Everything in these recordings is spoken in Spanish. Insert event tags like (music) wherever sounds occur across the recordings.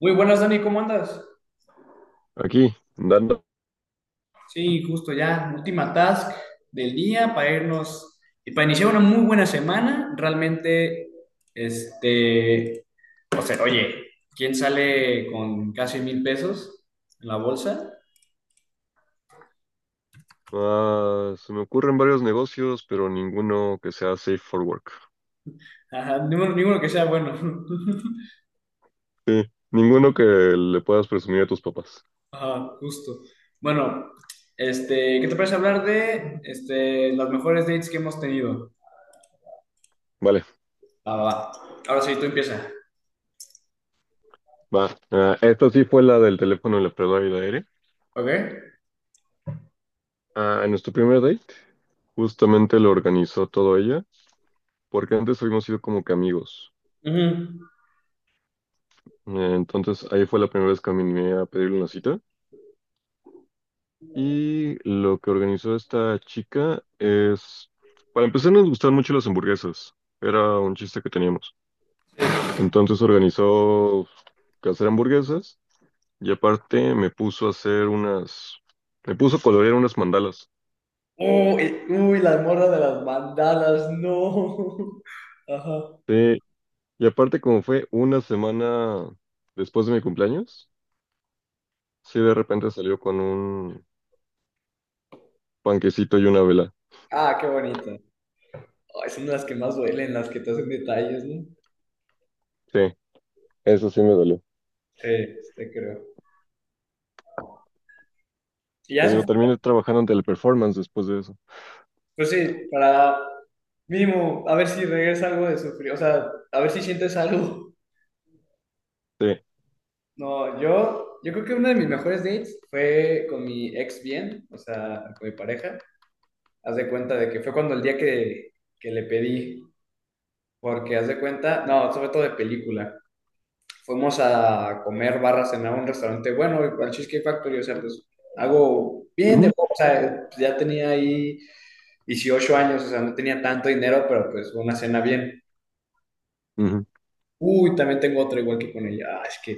Muy buenas, Dani, ¿cómo andas? Aquí, dando. Sí, justo ya, última task del día para irnos y para iniciar una muy buena semana. Realmente, este, o sea, oye, ¿quién sale con casi mil pesos en la bolsa? Ah, se me ocurren varios negocios, pero ninguno que sea safe for work. Ajá, ninguno, ninguno que sea bueno. (laughs) Sí, ninguno que le puedas presumir a tus papás. Ajá, justo. Bueno, ¿qué te parece hablar de las mejores dates que hemos tenido? Vale, Va, va, va. Ahora sí, tú empieza. va. Ah, esta sí fue la del teléfono en la prueba y de aire. ¿Ok? Ah, en nuestro primer date, justamente lo organizó todo ella, porque antes habíamos sido como que amigos. Ujú. Entonces ahí fue la primera vez que me animé a pedirle una cita. Y lo que organizó esta chica es, para empezar nos gustaban mucho las hamburguesas. Era un chiste que teníamos. Entonces organizó hacer hamburguesas y aparte me puso a hacer unas, me puso a colorear unas mandalas. Uy, uy, las morras de las bandanas, no. (laughs) Ajá. Sí, y aparte como fue una semana después de mi cumpleaños, sí de repente salió con un panquecito y una vela. Ah, qué bonito. Ay, son las que más duelen, las que te hacen detalles, ¿no? Sí, eso sí me dolió. Sí, te creo. Y ya, Te digo, eso, terminé trabajando en teleperformance después de eso. pues sí, para mínimo, a ver si regresa algo de sufrir, o sea, a ver si sientes algo. (laughs) Sí. No, yo creo que uno de mis mejores dates fue con mi ex bien, o sea, con mi pareja. Haz de cuenta de que fue cuando el día que le pedí, porque haz de cuenta, no, sobre todo de película. Fuimos a comer barra, cenar a un restaurante bueno, al Cheesecake Factory, o sea, pues algo bien de, Ujú. o sea, pues, ya tenía ahí 18 años, o sea, no tenía tanto dinero, pero pues una cena bien. Ujú. Uy, también tengo otra igual que con ella. Ah, es que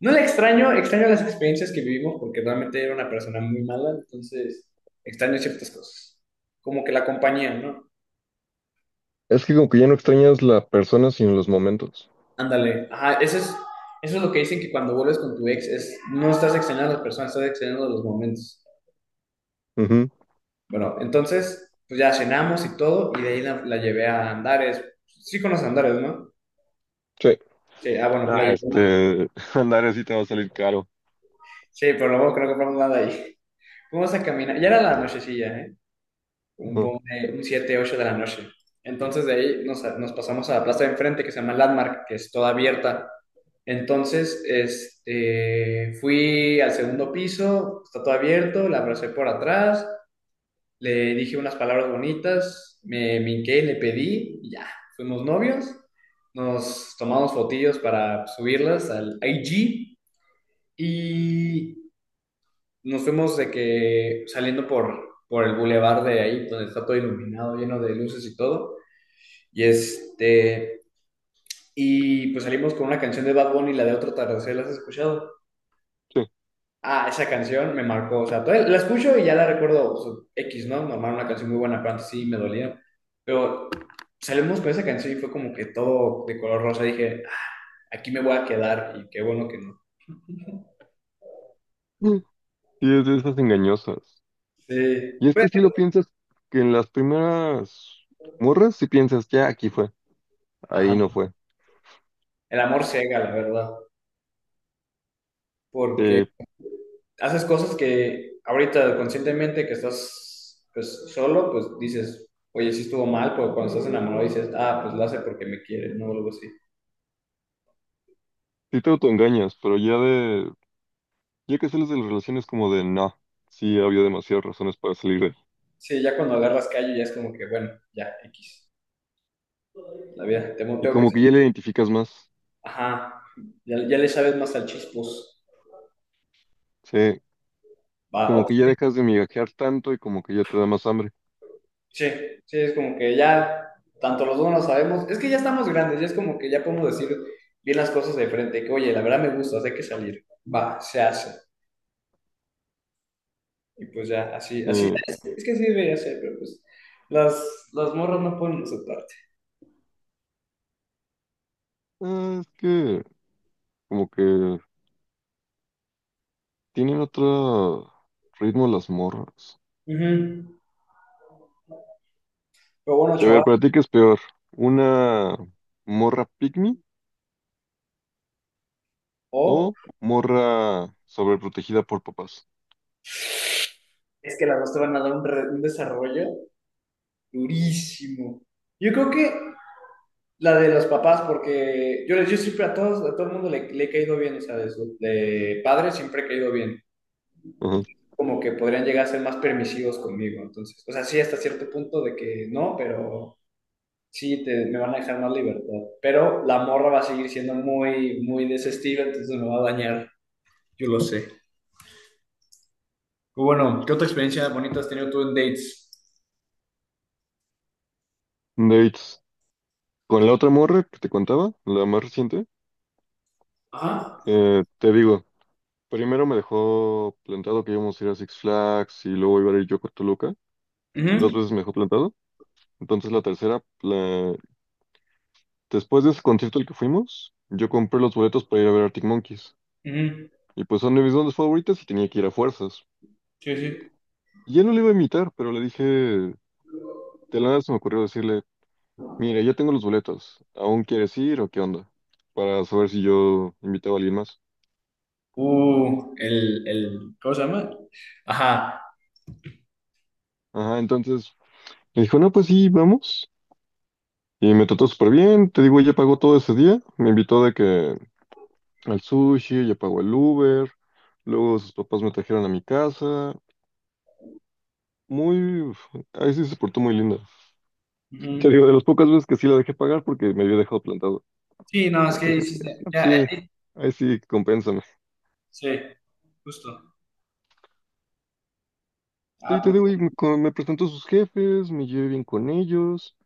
no la extraño, extraño las experiencias que vivimos porque realmente era una persona muy mala, entonces extraño ciertas cosas. Como que la compañía, ¿no? Es que como que ya no extrañas la persona sino los momentos. Ándale. Ajá, eso es lo que dicen que cuando vuelves con tu ex es no estás extrañando a las personas, estás extrañando los momentos. Ujú. Bueno, entonces, pues ya cenamos y todo, y de ahí la llevé a Andares. Sí conoces Andares, ¿no? Sí. Sí, ah, bueno, la Ah, llevé. este, (laughs) andar así te va a salir caro. Sí, pero luego creo que compramos nada ahí. Fuimos a caminar, ya era la nochecilla, ¿eh? Un, Ujú. pon- eh, un 7, 8 de la noche. Entonces de ahí nos pasamos a la plaza de enfrente que se llama Landmark, que es toda abierta. Entonces, fui al segundo piso, está todo abierto, la abracé por atrás, le dije unas palabras bonitas, me minqué, le pedí, y ya, fuimos novios, nos tomamos fotillos para subirlas al IG y nos fuimos de que saliendo por el bulevar de ahí, donde está todo iluminado, lleno de luces y todo, y este, y pues salimos con una canción de Bad Bunny, la de Otro Atardecer, ¿la has escuchado? Ah, esa canción me marcó, o sea, todavía la escucho y ya la recuerdo, o sea, X, ¿no? Normal, una canción muy buena, pero antes sí me dolía. Pero salimos con esa canción y fue como que todo de color rosa. Dije, "Ah, aquí me voy a quedar y qué bueno que no." Sí, y es de esas engañosas. Sí, Y es pues, que si lo piensas, que en las primeras morras, si piensas, ya aquí fue, ahí no ajá, fue. el amor ciega, la verdad, porque Eh, haces cosas que ahorita conscientemente que estás pues solo, pues dices, oye, sí estuvo mal, pero cuando estás enamorado dices, ah, pues lo hace porque me quiere, no, o algo así. sí te autoengañas, pero ya de, ya que sales de las relaciones como de, no, sí había demasiadas razones para salir de ahí. Sí, ya cuando agarras callo ya es como que, bueno, ya, X. La vida, te Y monteo que... como se- que ya le identificas más, Ajá, ya, ya le sabes más al chispos. sí, Va, como ok. que ya dejas de migajear tanto y como que ya te da más hambre. Sí, sí, es como que ya, tanto los dos no lo sabemos, es que ya estamos grandes, ya es como que ya podemos decir bien las cosas de frente, que oye, la verdad me gusta, hay que salir. Va, se hace. Y pues ya, así, Sí, así, es que así debería ser, pero pues las morras no pueden aceptarte. ah, es que como que tienen otro ritmo las morras. Ujú. Pero bueno, Sí. A ver, chaval, para ti, ¿qué es peor? ¿Una morra pygmy? o ¿O morra sobreprotegida por papás? es que las dos te van a dar un desarrollo durísimo. Yo creo que la de los papás, porque yo siempre a todos, a todo el mundo le he caído bien, o sea, de padres siempre he caído bien. Ajá. Como que podrían llegar a ser más permisivos conmigo, entonces, o sea, sí, hasta cierto punto de que no, pero sí, me van a dejar más libertad. Pero la morra va a seguir siendo muy, muy de ese estilo, entonces me va a dañar, yo lo sé. Pero bueno, ¿qué otra experiencia bonita has tenido tú en dates? Dates. Con la otra morra que te contaba, la más reciente, Ajá. te digo, primero me dejó plantado que íbamos a ir a Six Flags y luego iba a ir yo con Toluca. Dos Ujú, veces me dejó plantado. Entonces la tercera, después de ese concierto al que fuimos, yo compré los boletos para ir a ver Arctic Monkeys. ujú. Y pues son de mis bandas favoritas y tenía que ir a fuerzas. Sí, sí. Y él no le iba a imitar, pero le dije, de la nada se me ocurrió decirle, mira, ya tengo los boletos. ¿Aún quieres ir o qué onda? Para saber si yo invitaba a alguien más. ¿Cómo se llama? Ajá. Ajá, entonces me dijo, no, pues sí, vamos. Y me trató súper bien. Te digo, ella pagó todo ese día. Me invitó de que al sushi, ella pagó el Uber. Luego sus papás me trajeron a mi casa. Muy... Ahí sí se portó muy linda. Ujú. Te digo, de las pocas veces que sí la dejé pagar porque me había dejado plantado. Sí, no, es Entonces que dije así, ah, hiciste, no, pues ya, sí, ahí sí, compénsame. sí, justo. Ah, Sí, te pues digo, y me, me presentó a sus jefes, me llevé bien con ellos.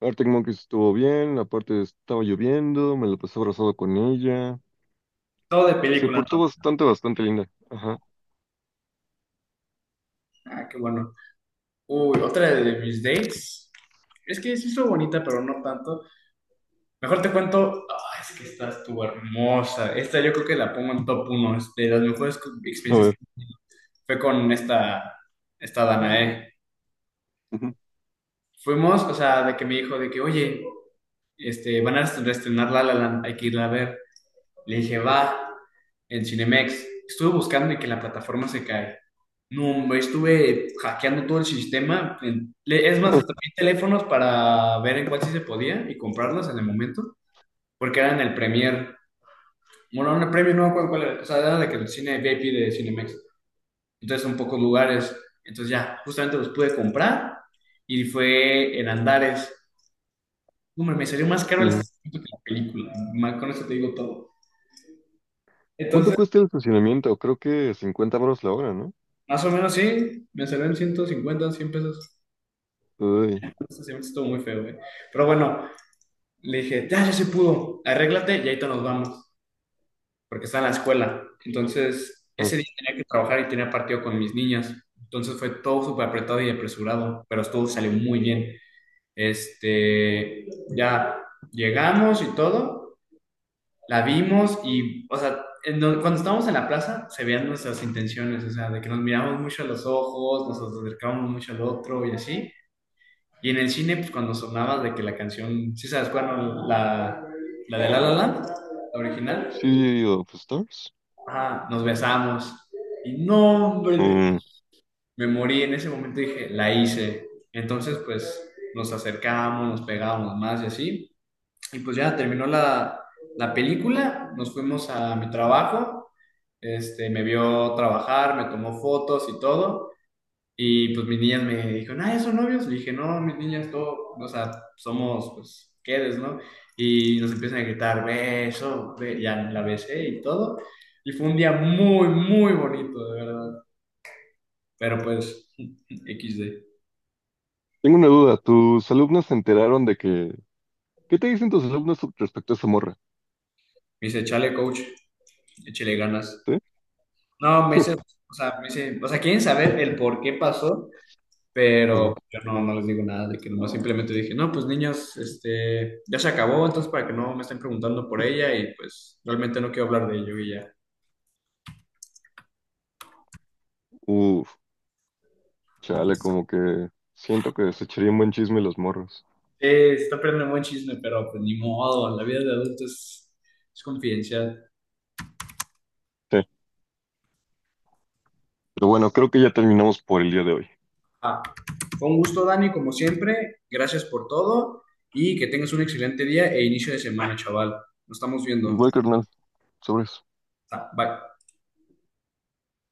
Arctic Monkeys estuvo bien, aparte estaba lloviendo, me la pasé abrazado con ella. todo de Se película, ¿no? portó bastante, bastante linda. Ajá. Ah, qué bueno. Uy, otra de mis dates. Es que sí estuvo bonita, pero no tanto. Mejor te cuento, ah, es que esta estuvo hermosa. Esta yo creo que la pongo en top uno es de las mejores A experiencias ver. que he tenido. Fue con esta Danae. Ujú, Fuimos, o sea, de que me dijo de que, oye, van a reestrenar La La Land, hay que irla a ver. Le dije, va, en Cinemex. Estuve buscando y que la plataforma se cae. No, hombre, estuve hackeando todo el sistema. Es más, hasta pedí teléfonos para ver en cuál sí se podía y comprarlos en el momento, porque eran el Premier. Bueno, en el Premier no me acuerdo cuál era. O sea, era de que el cine VIP de Cinemex. Entonces son pocos lugares. Entonces ya, justamente los pude comprar y fue en Andares. No, hombre, me salió más caro el ujú. estacionamiento que la película. Con eso te digo todo. ¿Cuánto cuesta el estacionamiento? Creo que 50 baros la hora, ¿no? Más o menos sí, me salió en 150 100 pesos. Uy. Este semestre estuvo muy feo, güey. Pero bueno, le dije, ya, ya se pudo, arréglate y ahorita nos vamos, porque está en la escuela. Entonces, Ujú. ese día tenía que trabajar y tenía partido con mis niñas. Entonces fue todo súper apretado y apresurado, pero todo salió muy bien. Este, ya llegamos y todo, la vimos y, o sea, cuando estábamos en la plaza se veían nuestras intenciones, o sea, de que nos miramos mucho a los ojos, nos acercamos mucho al otro y así. Y en el cine, pues cuando sonaba de que la canción, ¿sí sabes cuál? ¿No? La de La La Land, la original. ¿Sí of Stars? Ah, nos besamos. Y no, hombre, Mm. me morí. En ese momento dije, la hice. Entonces, pues nos acercamos, nos pegábamos más y así. Y pues ya terminó la película, nos fuimos a mi trabajo. Me vio trabajar, me tomó fotos y todo. Y pues mis niñas me dijeron, ah, ¿ya son novios? Le dije, no, mis niñas, todo, o sea, somos, pues, quedes, ¿no? Y nos empiezan a gritar, beso, Ya la besé y todo. Y fue un día muy, muy bonito, de verdad. Pero pues, (laughs) XD. Tengo una duda. ¿Tus alumnos se enteraron de que... qué te dicen tus alumnos respecto a esa morra? Me dice, chale, coach, échale ganas. ¿Sí? No, me dice, (laughs) o sea, me dice, o sea, quieren saber el por qué pasó. Ajá. Pero yo no les digo nada de que nomás simplemente dije, no, pues niños, ya se acabó, entonces para que no me estén preguntando por ella y pues realmente no quiero hablar de ello y ya. Uf, chale, como que siento que se echaría un buen chisme los morros. Está perdiendo un buen chisme, pero pues ni modo, la vida de adulto es confidencial. Sí. Pero bueno, creo que ya terminamos por el día de hoy. Ah, fue un gusto, Dani, como siempre, gracias por todo y que tengas un excelente día e inicio de semana, chaval. Nos estamos viendo. Igual, carnal. Sobres. Ah, bye.